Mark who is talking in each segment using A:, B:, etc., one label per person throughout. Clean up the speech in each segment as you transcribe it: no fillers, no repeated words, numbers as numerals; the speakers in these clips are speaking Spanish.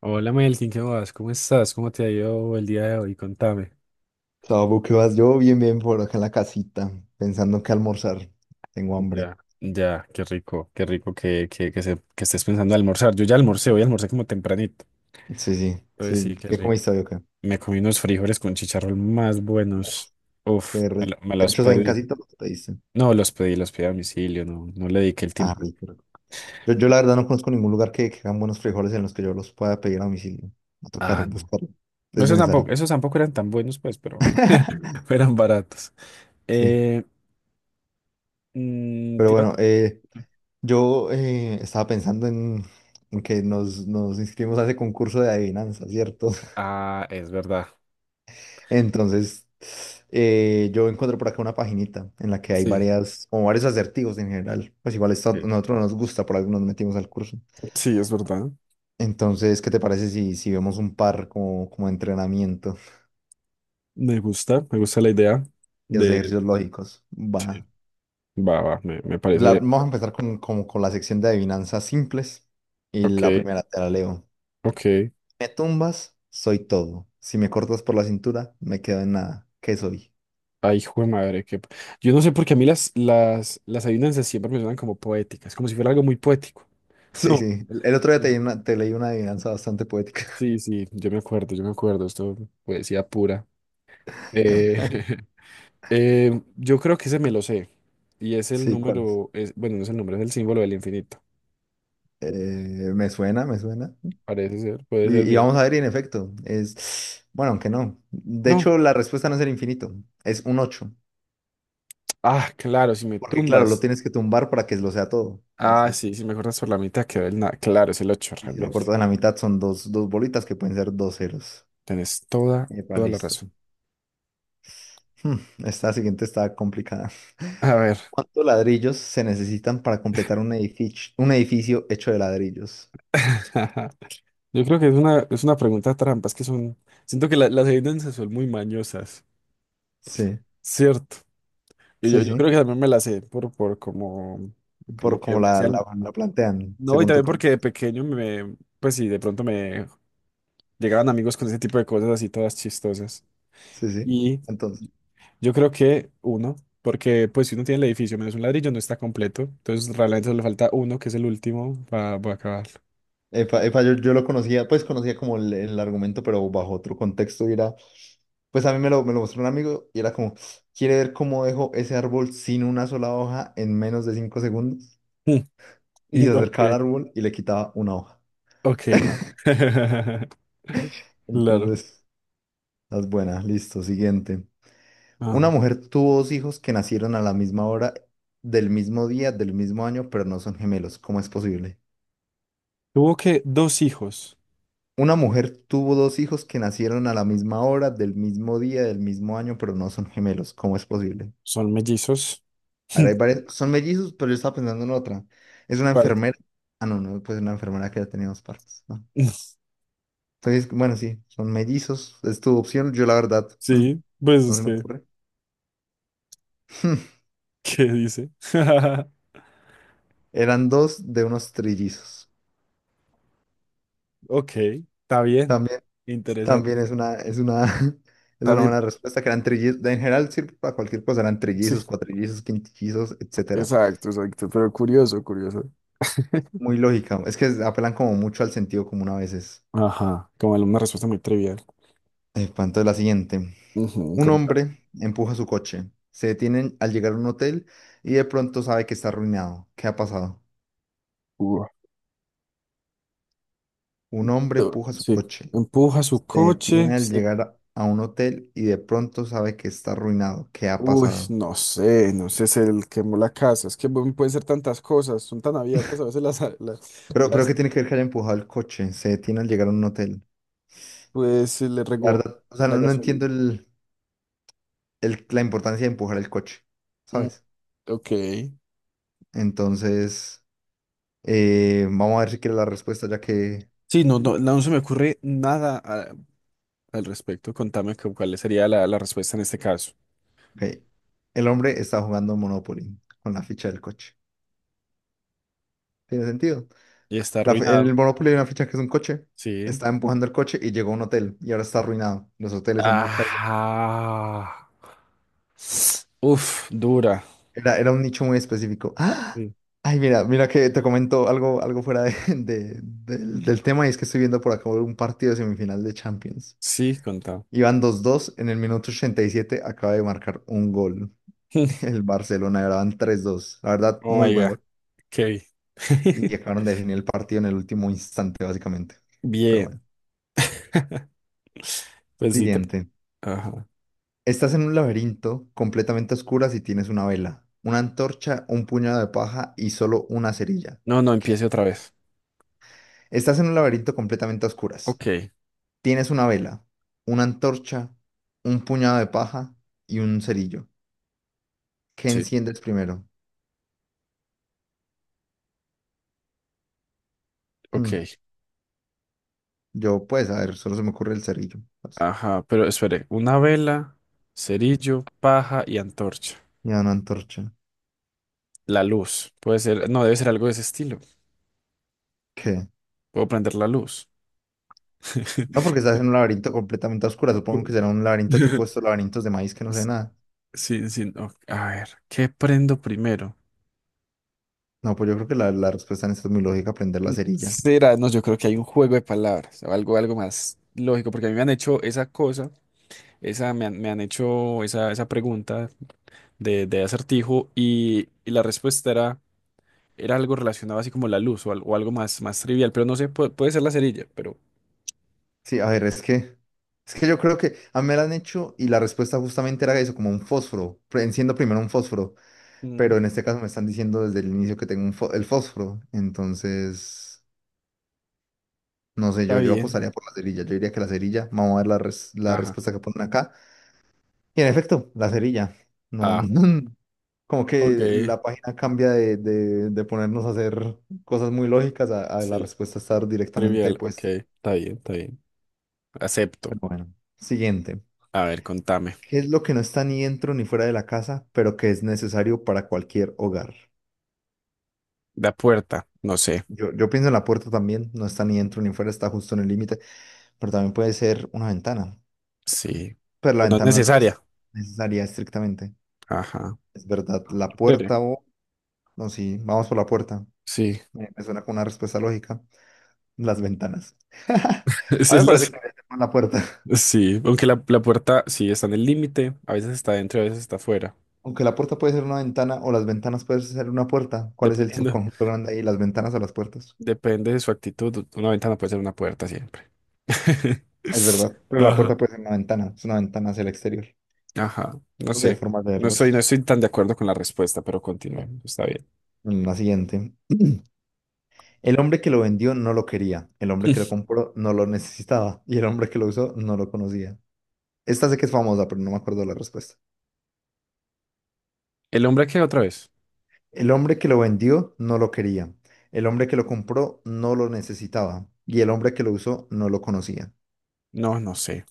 A: Hola Melkin, ¿qué más? ¿Cómo estás? ¿Cómo te ha ido el día de hoy? Contame.
B: Sabo, ¿qué vas? Yo bien, bien por acá en la casita, pensando en qué almorzar. Tengo hambre.
A: Ya, ya, qué rico que estés pensando en almorzar. Yo ya almorcé, hoy almorcé como tempranito.
B: Sí, sí,
A: Pues
B: sí.
A: sí, qué
B: ¿Qué
A: rico.
B: comiste hoy acá?
A: Me comí unos frijoles con chicharrón más buenos. Uf,
B: Qué rico.
A: me los
B: ¿Hechos ahí en
A: pedí.
B: casita? ¿Qué te diste?
A: No, los pedí a domicilio, no le dediqué el
B: Ah,
A: tiempo.
B: rico, rico. Yo la verdad no conozco ningún lugar que hagan buenos frijoles en los que yo los pueda pedir a domicilio. Va a tocar
A: Ah, no.
B: buscarlo.
A: No,
B: Es
A: esos
B: necesario.
A: tampoco, esos tampoco eran tan buenos, pues, pero eran baratos.
B: Sí.
A: Eh,
B: Pero
A: te iba a
B: bueno,
A: co-
B: yo estaba pensando en, que nos inscribimos a ese concurso de adivinanza, ¿cierto?
A: Ah, es verdad.
B: Entonces, yo encuentro por acá una paginita en la que hay
A: Sí.
B: varias, o varios acertijos en general. Pues igual esto a
A: Ok.
B: nosotros no nos gusta, por algo nos metimos al curso.
A: Sí, es verdad.
B: Entonces, ¿qué te parece si, vemos un par como de entrenamiento
A: Me gusta la idea
B: y los
A: de.
B: ejercicios lógicos?
A: Sí,
B: Va.
A: va, va, me parece.
B: Vamos a empezar con, como con la sección de adivinanzas simples. Y
A: Ok,
B: la primera te la leo.
A: ok.
B: Me tumbas, soy todo. Si me cortas por la cintura, me quedo en nada. ¿Qué soy?
A: Ay, hijo de madre, que. Yo no sé por qué a mí las adivinanzas siempre me suenan como poéticas, como si fuera algo muy poético.
B: Sí, sí.
A: No.
B: El otro día te leí una adivinanza bastante poética.
A: Sí, sí, yo me acuerdo, esto poesía pura. Eh, yo creo que ese me lo sé, y es el
B: Sí, ¿cuál?
A: número, es, bueno, no es el número, es el símbolo del infinito,
B: Eh, me suena, me suena.
A: parece ser, puede ser
B: Y
A: mío.
B: vamos a ver, y en efecto, bueno, aunque no. De
A: No,
B: hecho, la respuesta no es el infinito, es un ocho.
A: ah, claro, si me
B: Porque claro, lo
A: tumbas.
B: tienes que tumbar para que lo sea todo.
A: Ah,
B: Entonces,
A: sí, sí, mejor por la mitad quedó el nada. Claro, es el 8,
B: y si lo
A: realmente.
B: cortas en la mitad, son dos bolitas que pueden ser dos ceros.
A: Tienes toda,
B: Epa,
A: toda la
B: listo.
A: razón.
B: Hmm, Esta siguiente está complicada.
A: A ver.
B: ¿Cuántos ladrillos se necesitan para completar un edificio hecho de ladrillos?
A: Yo creo que es una pregunta trampa, es que son. Siento que las evidencias son muy mañosas,
B: Sí,
A: ¿cierto? Y yo,
B: sí,
A: yo creo
B: sí.
A: que también me las sé por como
B: Por
A: que
B: como
A: me
B: la, la,
A: hacían.
B: la plantean,
A: No, y
B: según tu
A: también porque
B: cuento.
A: de pequeño me. Pues sí, de pronto me llegaban amigos con ese tipo de cosas así todas chistosas.
B: Sí, sí.
A: Y
B: Entonces.
A: yo creo que uno, porque pues si uno tiene el edificio menos un ladrillo no está completo, entonces realmente solo le falta uno, que es el último, para acabar.
B: Epa, epa, yo lo conocía, pues conocía como el argumento, pero bajo otro contexto. Y era, pues a mí me lo mostró un amigo y era como, quiere ver cómo dejo ese árbol sin una sola hoja en menos de 5 segundos. Y se
A: No. Ok,
B: acercaba al árbol y le quitaba una hoja.
A: ok. Claro.
B: Entonces, las buenas, listo, siguiente. Una
A: Ajá.
B: mujer tuvo dos hijos que nacieron a la misma hora, del mismo día, del mismo año, pero no son gemelos. ¿Cómo es posible?
A: Tuvo que dos hijos,
B: Una mujer tuvo dos hijos que nacieron a la misma hora, del mismo día, del mismo año, pero no son gemelos. ¿Cómo es posible?
A: son mellizos.
B: A ver, son mellizos, pero yo estaba pensando en otra. Es una
A: ¿Cuál?
B: enfermera. Ah, no, no, pues una enfermera que ya tenía dos partes. ¿No? Entonces, bueno, sí, son mellizos. Es tu opción. Yo, la verdad,
A: Sí, pues
B: no
A: es
B: se me
A: que,
B: ocurre.
A: ¿qué dice?
B: Eran dos de unos trillizos.
A: Ok, está bien,
B: También,
A: interesante.
B: también es una, es una
A: También,
B: buena respuesta que eran trillizos. En general, sirve para cualquier cosa. Eran
A: sí,
B: trillizos, cuatrillizos, quintillizos, etcétera.
A: exacto, exacto, pero curioso, curioso.
B: Muy lógica. Es que apelan como mucho al sentido común a veces.
A: Ajá, como una respuesta muy trivial.
B: Pa, entonces la siguiente.
A: Ujú,
B: Un
A: con tal-
B: hombre empuja su coche. Se detienen al llegar a un hotel y de pronto sabe que está arruinado. ¿Qué ha pasado?
A: Ujú.
B: Un hombre empuja su
A: Sí,
B: coche.
A: empuja su
B: Se
A: coche.
B: detiene al
A: Se-
B: llegar a un hotel y de pronto sabe que está arruinado. ¿Qué ha
A: Uy,
B: pasado?
A: no sé, no sé, se le quemó la casa. Es que bueno, pueden ser tantas cosas, son tan abiertas a veces las,
B: Pero ¿qué
A: las-
B: tiene que ver que haya empujado el coche? Se detiene al llegar a un hotel.
A: pues se le
B: La
A: regó
B: verdad, o sea, no,
A: la
B: no
A: gasolina.
B: entiendo el, la importancia de empujar el coche,
A: Mm,
B: ¿sabes?
A: ok.
B: Entonces... vamos a ver si quiere la respuesta, ya que
A: Sí, no, no se me ocurre nada a- al respecto. Contame cuál sería la respuesta en este caso.
B: ok, el hombre está jugando Monopoly con la ficha del coche. ¿Tiene sentido?
A: Y está
B: El
A: arruinado.
B: Monopoly hay una ficha que es un coche.
A: Sí.
B: Está empujando el coche y llegó a un hotel y ahora está arruinado. Los hoteles son muy caros.
A: Ajá. Uf, dura.
B: Era un nicho muy específico. ¡Ah!
A: Sí,
B: Ay, mira, mira que te comento algo del tema y es que estoy viendo por acá un partido de semifinal de Champions.
A: sí, contame.
B: Iban 2-2 en el minuto 87 acaba de marcar un gol. El Barcelona, y ahora van 3-2. La verdad,
A: Oh
B: muy
A: my
B: buen
A: God.
B: gol.
A: Ok.
B: Y acabaron de definir el partido en el último instante, básicamente. Pero
A: Bien.
B: bueno,
A: Pues sí, te.
B: siguiente.
A: Ajá.
B: Estás en un laberinto completamente a oscuras y tienes una vela, una antorcha, un puñado de paja y solo una cerilla.
A: No, no,
B: ¿Qué?
A: empiece otra vez.
B: Estás en un laberinto completamente a oscuras.
A: Ok,
B: Tienes una vela, una antorcha, un puñado de paja y un cerillo. ¿Qué
A: sí,
B: enciendes primero? Hmm,
A: ok.
B: Yo, pues, a ver, solo se me ocurre el cerillo. Pues.
A: Ajá, pero espere. Una vela, cerillo, paja y antorcha.
B: Y una antorcha.
A: La luz. Puede ser, no, debe ser algo de ese estilo.
B: ¿Qué?
A: Puedo prender la luz.
B: No, porque estás en un laberinto completamente a oscura. Supongo que
A: Pu-
B: será un laberinto tipo estos laberintos de maíz que no sé
A: Sí,
B: nada.
A: sí, sí, no, a ver, ¿qué prendo primero?
B: No, pues yo creo que la respuesta en esto es muy lógica, aprender la cerilla.
A: Será, no, yo creo que hay un juego de palabras, o algo, algo más lógico, porque a mí me han hecho esa cosa. Esa me han hecho esa pregunta de acertijo y la respuesta era, era algo relacionado así como la luz o algo más trivial, pero no sé, puede ser la cerilla, pero
B: Sí, a ver, es que yo creo que a mí me la han hecho y la respuesta justamente era eso, como un fósforo. Pre- Enciendo primero un fósforo,
A: mm,
B: pero en este caso me están diciendo desde el inicio que tengo el fósforo. Entonces, no sé,
A: está
B: yo
A: bien.
B: apostaría por la cerilla. Yo diría que la cerilla, vamos a ver la
A: Ajá.
B: respuesta que ponen acá. Y en efecto, la cerilla. No,
A: Ah,
B: no. Como que
A: ok.
B: la página cambia de, de ponernos a hacer cosas muy lógicas a, la
A: Sí,
B: respuesta estar directamente
A: trivial, ok.
B: puesta.
A: Está bien, está bien. Acepto.
B: Pero bueno, siguiente.
A: A ver, contame.
B: ¿Qué es lo que no está ni dentro ni fuera de la casa, pero que es necesario para cualquier hogar?
A: La puerta, no sé.
B: Yo pienso en la puerta también, no está ni dentro ni fuera, está justo en el límite, pero también puede ser una ventana.
A: Sí.
B: Pero la
A: Pero no es
B: ventana no es
A: necesaria.
B: necesaria estrictamente.
A: Ajá.
B: Es verdad, la
A: Yo creeré.
B: puerta o... No, sí, vamos por la puerta.
A: Sí.
B: Me suena con una respuesta lógica. Las ventanas. A
A: Esa
B: mí me
A: es
B: parece
A: las.
B: que debería ser más la puerta.
A: Sí, aunque la puerta sí está en el límite, a veces está dentro, a veces está afuera.
B: Aunque la puerta puede ser una ventana o las ventanas pueden ser una puerta. ¿Cuál es el
A: Dependiendo.
B: subconjunto grande ahí? ¿Las ventanas o las puertas?
A: Depende de su actitud. Una ventana puede ser una puerta siempre.
B: Es verdad, pero la
A: Ajá.
B: puerta puede ser una ventana. Es una ventana hacia el exterior.
A: Ajá, no
B: No sé, hay
A: sé.
B: formas de
A: No estoy, no
B: verlos.
A: estoy tan de acuerdo con la respuesta, pero continuemos. Está bien.
B: La siguiente. El hombre que lo vendió no lo quería. El hombre que lo compró no lo necesitaba. Y el hombre que lo usó no lo conocía. Esta sé que es famosa, pero no me acuerdo la respuesta.
A: ¿El hombre qué otra vez?
B: El hombre que lo vendió no lo quería. El hombre que lo compró no lo necesitaba. Y el hombre que lo usó no lo conocía.
A: No, no sé.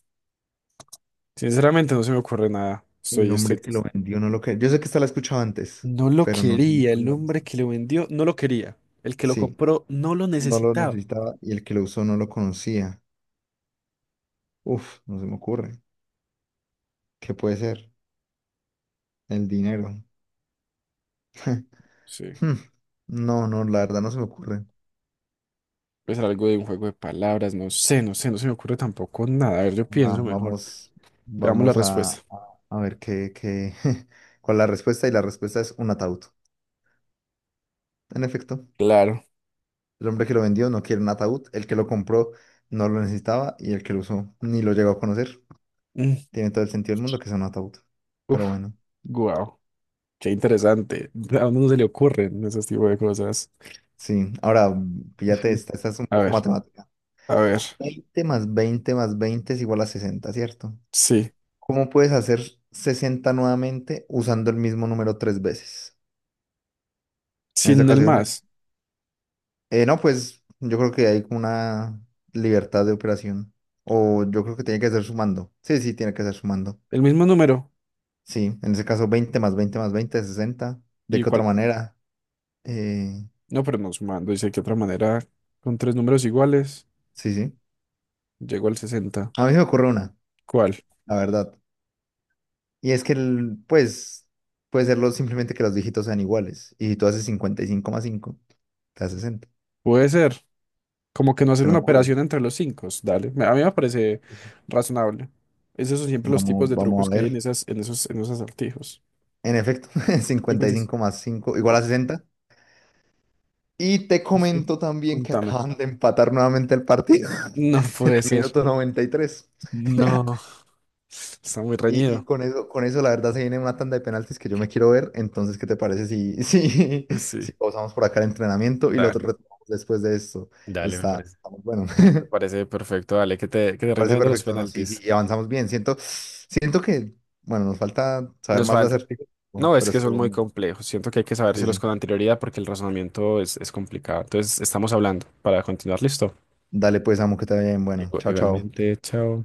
A: Sinceramente no se me ocurre nada.
B: El
A: Estoy, estoy.
B: hombre que lo vendió no lo quería. Yo sé que esta la he escuchado antes,
A: No lo
B: pero no, no me
A: quería.
B: acuerdo
A: El
B: la
A: hombre que
B: respuesta.
A: lo vendió no lo quería. El que lo
B: Sí,
A: compró no lo
B: no lo
A: necesitaba.
B: necesitaba y el que lo usó no lo conocía. Uf, no se me ocurre. ¿Qué puede ser? El dinero.
A: Sí.
B: Hmm, no, no, la verdad no se me ocurre.
A: Puede ser algo de un juego de palabras. No sé, no sé. No se me ocurre tampoco nada. A ver, yo
B: Va-
A: pienso mejor.
B: vamos,
A: Veamos la
B: vamos a, a
A: respuesta.
B: a ver qué, cuál es la respuesta. Y la respuesta es un ataúd. En efecto.
A: Claro.
B: El hombre que lo vendió no quiere un ataúd, el que lo compró no lo necesitaba y el que lo usó ni lo llegó a conocer.
A: Mm.
B: Tiene todo el sentido del mundo que sea un ataúd. Pero
A: Uf,
B: bueno,
A: guau. Qué interesante. ¿A uno no se le ocurren ese tipo de cosas?
B: sí. Ahora, píllate
A: Sí.
B: esta, esta es un
A: A
B: poco
A: ver,
B: matemática.
A: a ver.
B: 20 más 20 más 20 es igual a 60, ¿cierto?
A: Sí.
B: ¿Cómo puedes hacer 60 nuevamente usando el mismo número tres veces? En esta
A: Sin el
B: ocasión,
A: más.
B: no, pues yo creo que hay como una libertad de operación. O yo creo que tiene que ser sumando. Sí, sí, tiene que ser sumando.
A: El mismo número.
B: Sí, en ese caso 20 más 20 más veinte es 60. ¿De qué otra
A: Igual.
B: manera? Eh,
A: No, pero no sumando. Dice que otra manera, con tres números iguales,
B: sí, sí.
A: llego al 60.
B: A mí se me ocurre una,
A: ¿Cuál?
B: la verdad. Y es que, pues, puede serlo simplemente que los dígitos sean iguales. Y si tú haces 55,5, te da sesenta.
A: Puede ser. Como que no
B: Se
A: hacer
B: me
A: una
B: ocurre.
A: operación entre los cinco. Dale. Me- A mí me parece razonable. Esos son siempre los
B: Vamos,
A: tipos de
B: vamos
A: trucos
B: a
A: que hay en
B: ver.
A: esas, en esos acertijos.
B: En efecto, cincuenta y
A: 56.
B: cinco más 5 igual a
A: Oh,
B: 60. Y te
A: sí.
B: comento también que
A: Contame.
B: acaban de empatar nuevamente el partido
A: No
B: en
A: puede
B: el
A: ser.
B: minuto 93.
A: No. Está muy
B: Y
A: reñido.
B: con eso, la verdad, se viene una tanda de penaltis que yo me quiero ver. Entonces, ¿qué te parece si, si
A: Sí,
B: pausamos por acá el entrenamiento y lo otro
A: dale.
B: retomamos después de esto?
A: Dale, me
B: Está,
A: parece.
B: está muy bueno.
A: Me parece perfecto. Dale, que te
B: Me
A: rinda
B: parece
A: bien de los
B: perfecto, ¿no? Sí, sí,
A: penaltis.
B: y avanzamos bien. Siento que, bueno, nos falta saber
A: Nos
B: más de
A: falta.
B: acertijos, ¿no?
A: No, es
B: Pero
A: que son
B: estuvo
A: muy
B: bueno.
A: complejos. Siento que hay que
B: Sí,
A: sabérselos
B: sí.
A: con anterioridad porque el razonamiento es complicado. Entonces, estamos hablando para continuar. Listo.
B: Dale pues, amo, que te vaya bien. Bueno, chao, chao.
A: Igualmente, chao.